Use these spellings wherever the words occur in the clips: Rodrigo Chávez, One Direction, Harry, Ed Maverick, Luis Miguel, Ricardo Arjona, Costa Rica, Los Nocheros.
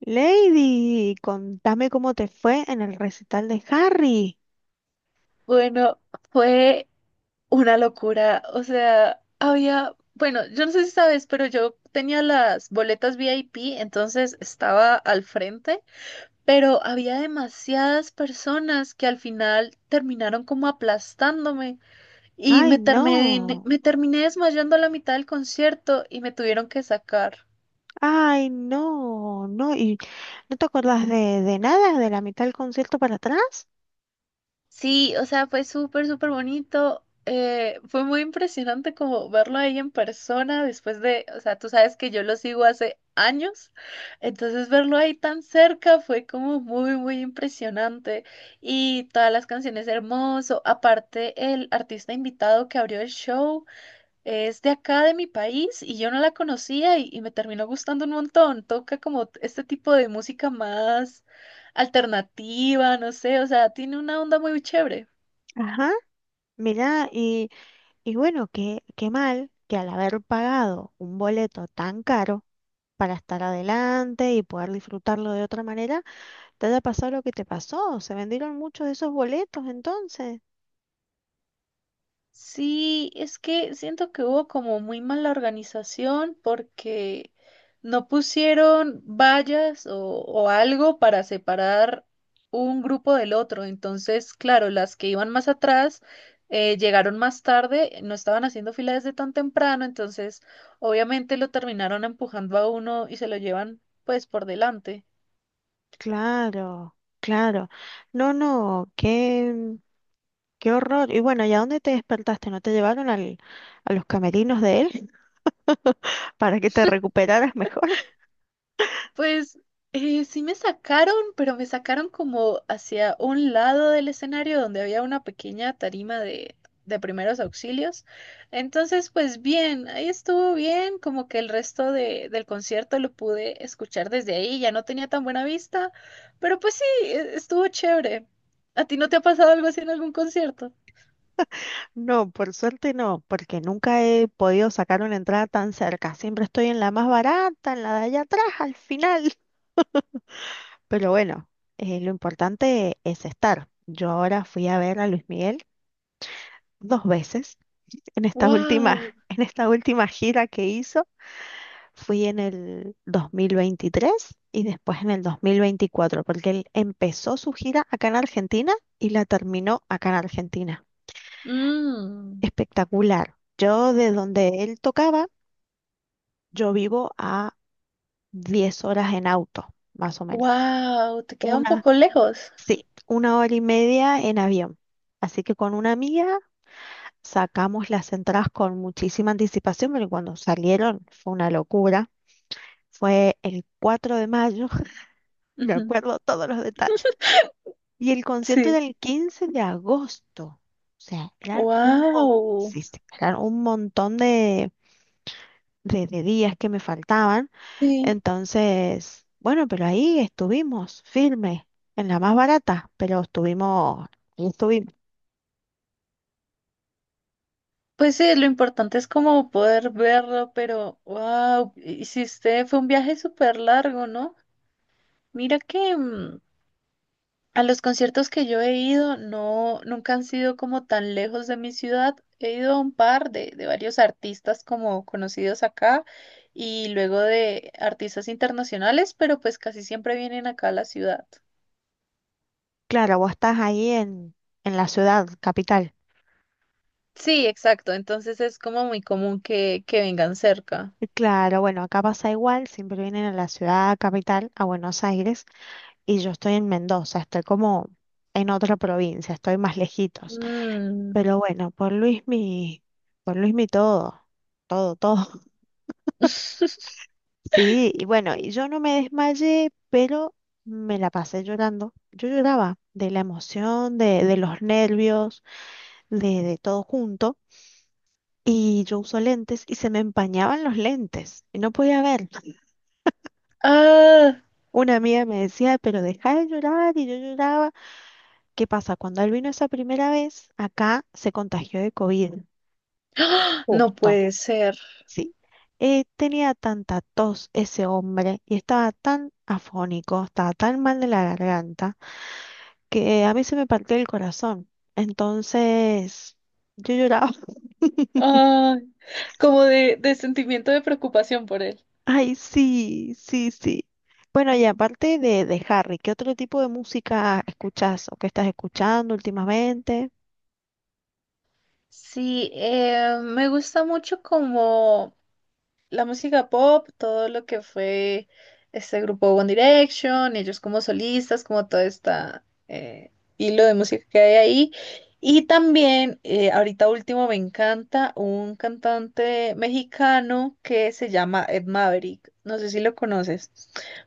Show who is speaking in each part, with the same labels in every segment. Speaker 1: Lady, contame cómo te fue en el recital de Harry.
Speaker 2: Bueno, fue una locura. O sea, había, bueno, yo no sé si sabes, pero yo tenía las boletas VIP, entonces estaba al frente, pero había demasiadas personas que al final terminaron como aplastándome y
Speaker 1: Ay,
Speaker 2: me terminé,
Speaker 1: no.
Speaker 2: me terminé desmayando a la mitad del concierto y me tuvieron que sacar.
Speaker 1: Ay, no. No, y no te acordás de nada, de la mitad del concierto para atrás.
Speaker 2: Sí, o sea, fue súper bonito. Fue muy impresionante como verlo ahí en persona después de, o sea, tú sabes que yo lo sigo hace años, entonces verlo ahí tan cerca fue como muy impresionante. Y todas las canciones hermoso, aparte el artista invitado que abrió el show. Es de acá, de mi país, y yo no la conocía y me terminó gustando un montón. Toca como este tipo de música más alternativa, no sé, o sea, tiene una onda muy chévere.
Speaker 1: Ajá. Mirá, y, y bueno, qué mal que al haber pagado un boleto tan caro para estar adelante y poder disfrutarlo de otra manera, te haya pasado lo que te pasó. Se vendieron muchos de esos boletos entonces.
Speaker 2: Sí, es que siento que hubo como muy mala organización porque no pusieron vallas o algo para separar un grupo del otro. Entonces, claro, las que iban más atrás llegaron más tarde, no estaban haciendo fila desde tan temprano, entonces obviamente lo terminaron empujando a uno y se lo llevan pues por delante.
Speaker 1: Claro, claro. No, no, qué. Qué horror. Y bueno, ¿y a dónde te despertaste? ¿No te llevaron a los camerinos de él para que te recuperaras mejor?
Speaker 2: Pues sí me sacaron, pero me sacaron como hacia un lado del escenario donde había una pequeña tarima de primeros auxilios. Entonces, pues bien, ahí estuvo bien, como que el resto de, del concierto lo pude escuchar desde ahí, ya no tenía tan buena vista, pero pues sí, estuvo chévere. ¿A ti no te ha pasado algo así en algún concierto?
Speaker 1: No, por suerte no, porque nunca he podido sacar una entrada tan cerca. Siempre estoy en la más barata, en la de allá atrás, al final. Pero bueno, lo importante es estar. Yo ahora fui a ver a Luis Miguel dos veces en esta última,
Speaker 2: Wow.
Speaker 1: en esta última gira que hizo. Fui en el 2023 y después en el 2024, porque él empezó su gira acá en Argentina y la terminó acá en Argentina.
Speaker 2: Mm.
Speaker 1: Espectacular. Yo de donde él tocaba, yo vivo a 10 horas en auto, más o menos.
Speaker 2: Wow, te queda un
Speaker 1: Una,
Speaker 2: poco lejos.
Speaker 1: sí, una hora y media en avión. Así que con una amiga sacamos las entradas con muchísima anticipación, pero cuando salieron fue una locura. Fue el 4 de mayo, me
Speaker 2: Ujú.
Speaker 1: acuerdo todos los detalles. Y el concierto era
Speaker 2: Sí.
Speaker 1: el 15 de agosto. O sea,
Speaker 2: Wow.
Speaker 1: sí, sí, eran un montón de días que me faltaban.
Speaker 2: Sí.
Speaker 1: Entonces, bueno, pero ahí estuvimos, firme, en la más barata, pero estuvimos, ahí estuvimos.
Speaker 2: Pues sí, lo importante es como poder verlo, pero wow, hiciste, fue un viaje súper largo, ¿no? Mira que a los conciertos que yo he ido, no, nunca han sido como tan lejos de mi ciudad. He ido a un par de varios artistas como conocidos acá y luego de artistas internacionales, pero pues casi siempre vienen acá a la ciudad.
Speaker 1: Claro, vos estás ahí en la ciudad capital.
Speaker 2: Sí, exacto, entonces es como muy común que vengan cerca.
Speaker 1: Y claro, bueno, acá pasa igual, siempre vienen a la ciudad capital, a Buenos Aires, y yo estoy en Mendoza, estoy como en otra provincia, estoy más lejitos.
Speaker 2: Mm.
Speaker 1: Pero bueno, por Luismi todo, todo, todo. Sí, y bueno, y yo no me desmayé, pero me la pasé llorando. Yo lloraba de la emoción, de los nervios, de todo junto. Y yo uso lentes y se me empañaban los lentes y no podía ver.
Speaker 2: Ah.
Speaker 1: Una amiga me decía, pero deja de llorar y yo lloraba. ¿Qué pasa? Cuando él vino esa primera vez, acá se contagió de COVID,
Speaker 2: No
Speaker 1: justo.
Speaker 2: puede ser.
Speaker 1: Sí, tenía tanta tos ese hombre y estaba tan afónico, estaba tan mal de la garganta, que a mí se me partió el corazón. Entonces, yo lloraba.
Speaker 2: Ah, como de sentimiento de preocupación por él.
Speaker 1: Ay, sí, sí, sí. Bueno, y aparte de Harry, ¿qué otro tipo de música escuchas o qué estás escuchando últimamente?
Speaker 2: Sí, me gusta mucho como la música pop, todo lo que fue este grupo One Direction, ellos como solistas, como todo este hilo de música que hay ahí. Y también, ahorita último, me encanta un cantante mexicano que se llama Ed Maverick. No sé si lo conoces,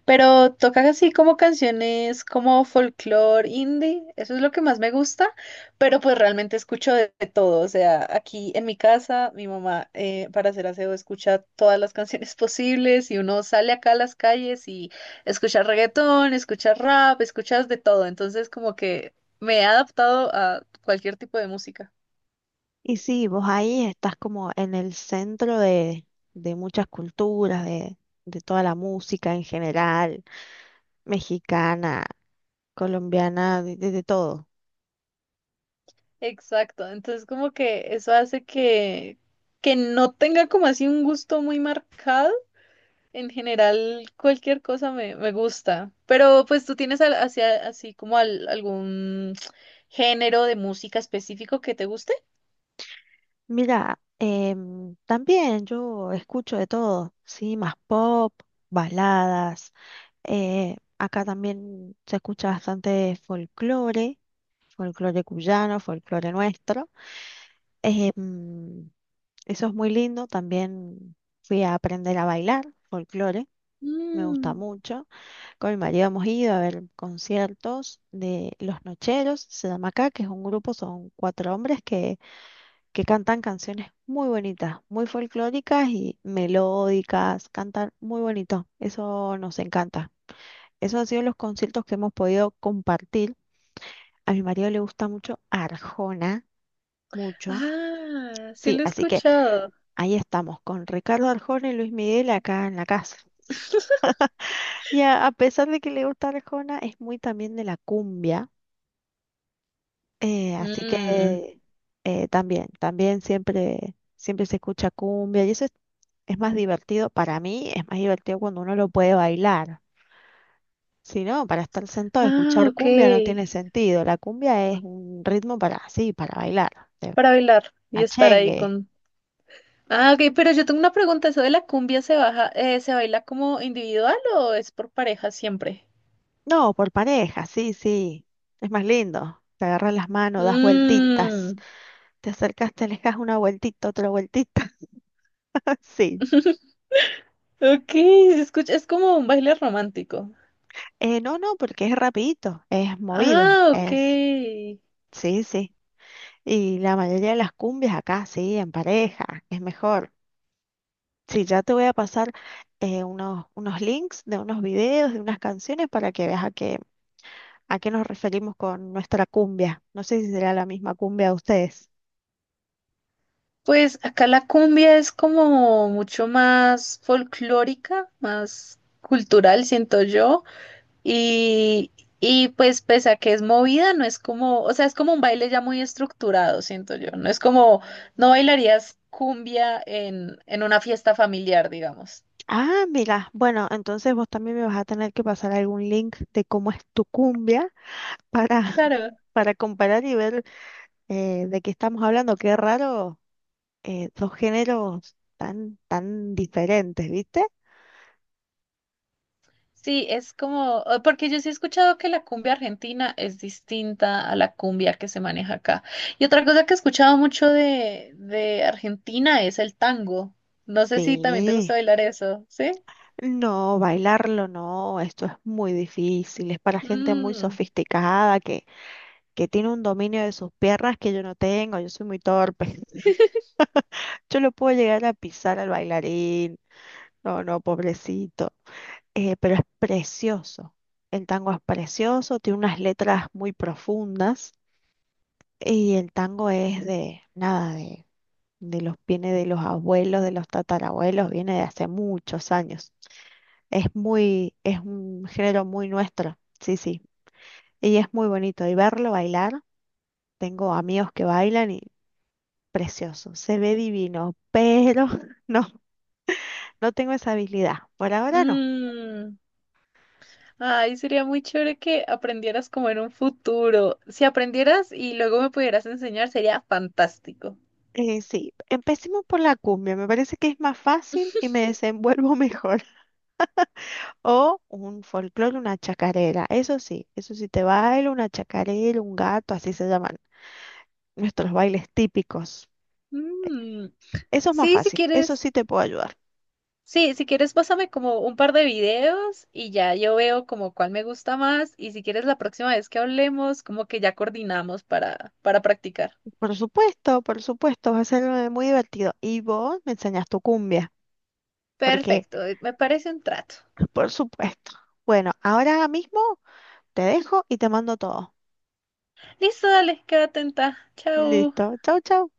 Speaker 2: pero toca así como canciones como folclore indie. Eso es lo que más me gusta. Pero pues realmente escucho de todo, o sea, aquí en mi casa, mi mamá para hacer aseo escucha todas las canciones posibles y uno sale acá a las calles y escucha reggaetón, escucha rap, escuchas de todo, entonces como que me he adaptado a cualquier tipo de música.
Speaker 1: Y sí, vos ahí estás como en el centro de muchas culturas, de toda la música en general, mexicana, colombiana, de, de todo.
Speaker 2: Exacto, entonces como que eso hace que no tenga como así un gusto muy marcado. En general, cualquier cosa me gusta. Pero pues tú tienes hacia, así como algún género de música específico que te guste.
Speaker 1: Mira, también yo escucho de todo, sí, más pop, baladas. Acá también se escucha bastante folclore, folclore cuyano, folclore nuestro. em, Eso es muy lindo. También fui a aprender a bailar folclore. Me gusta
Speaker 2: Mm.
Speaker 1: mucho. Con mi marido hemos ido a ver conciertos de Los Nocheros, se llama acá, que es un grupo, son cuatro hombres que cantan canciones muy bonitas, muy folclóricas y melódicas, cantan muy bonito, eso nos encanta. Esos han sido los conciertos que hemos podido compartir. A mi marido le gusta mucho Arjona, mucho.
Speaker 2: Ah, sí
Speaker 1: Sí,
Speaker 2: lo he
Speaker 1: así que
Speaker 2: escuchado.
Speaker 1: ahí estamos con Ricardo Arjona y Luis Miguel acá en la casa. Y a pesar de que le gusta Arjona, es muy también de la cumbia. Eh, así
Speaker 2: Mm.
Speaker 1: que también, también siempre, siempre se escucha cumbia y eso es más divertido, para mí es más divertido cuando uno lo puede bailar. Si no, para estar sentado,
Speaker 2: Ah,
Speaker 1: escuchar
Speaker 2: ok.
Speaker 1: cumbia no tiene sentido. La cumbia es un ritmo para, sí, para bailar, de
Speaker 2: Para bailar y estar ahí
Speaker 1: cachengue.
Speaker 2: con... Ah, ok, pero yo tengo una pregunta. ¿Eso de la cumbia se baja, se baila como individual o es por pareja siempre?
Speaker 1: No, por pareja, sí, sí, es más lindo. Te agarras las manos, das vueltitas,
Speaker 2: Mm.
Speaker 1: te acercas, te alejas una vueltita, otra vueltita, sí.
Speaker 2: Ok, se escucha, es como un baile romántico.
Speaker 1: No, porque es rapidito, es movido,
Speaker 2: Ah, ok.
Speaker 1: es... Sí, sí. Y la mayoría de las cumbias acá, sí, en pareja, es mejor. Sí, ya te voy a pasar unos, unos links de unos videos, de unas canciones para que veas a qué nos referimos con nuestra cumbia. No sé si será la misma cumbia a ustedes.
Speaker 2: Pues acá la cumbia es como mucho más folclórica, más cultural, siento yo. Y, y pues pese a que es movida, no es como, o sea, es como un baile ya muy estructurado, siento yo. No es como, no bailarías cumbia en una fiesta familiar, digamos.
Speaker 1: Ah, mira, bueno, entonces vos también me vas a tener que pasar algún link de cómo es tu cumbia para,
Speaker 2: Claro.
Speaker 1: para comparar y ver de qué estamos hablando. Qué raro, dos géneros tan, tan diferentes, ¿viste?
Speaker 2: Sí, es como, porque yo sí he escuchado que la cumbia argentina es distinta a la cumbia que se maneja acá. Y otra cosa que he escuchado mucho de Argentina es el tango. No sé si también te
Speaker 1: Sí.
Speaker 2: gusta bailar eso, ¿sí?
Speaker 1: No, bailarlo no, esto es muy difícil, es para gente muy
Speaker 2: Mm,
Speaker 1: sofisticada que tiene un dominio de sus piernas que yo no tengo, yo soy muy torpe. Yo lo puedo llegar a pisar al bailarín, no, no, pobrecito. Pero es precioso. El tango es precioso, tiene unas letras muy profundas y el tango es de, nada, de los, viene de los abuelos, de los tatarabuelos, viene de hace muchos años. Es muy, es un género muy nuestro. Sí, sí. Y es muy bonito. Y verlo bailar, tengo amigos que bailan y precioso, se ve divino, pero no, no tengo esa habilidad. Por ahora no.
Speaker 2: mm. Ay, sería muy chévere que aprendieras como en un futuro. Si aprendieras y luego me pudieras enseñar, sería fantástico.
Speaker 1: Sí, empecemos por la cumbia, me parece que es más fácil y me desenvuelvo mejor. O un folclore, una chacarera, eso sí te bailo, una chacarera, un gato, así se llaman nuestros bailes típicos.
Speaker 2: Mm.
Speaker 1: Eso es más
Speaker 2: Sí, si
Speaker 1: fácil, eso
Speaker 2: quieres.
Speaker 1: sí te puedo ayudar.
Speaker 2: Sí, si quieres, pásame como un par de videos y ya yo veo como cuál me gusta más. Y si quieres, la próxima vez que hablemos, como que ya coordinamos para practicar.
Speaker 1: Por supuesto, va a ser muy divertido. Y vos me enseñas tu cumbia, porque
Speaker 2: Perfecto, me parece un trato.
Speaker 1: por supuesto. Bueno, ahora mismo te dejo y te mando todo.
Speaker 2: Listo, dale, queda atenta. Chao.
Speaker 1: Listo. Chau, chau.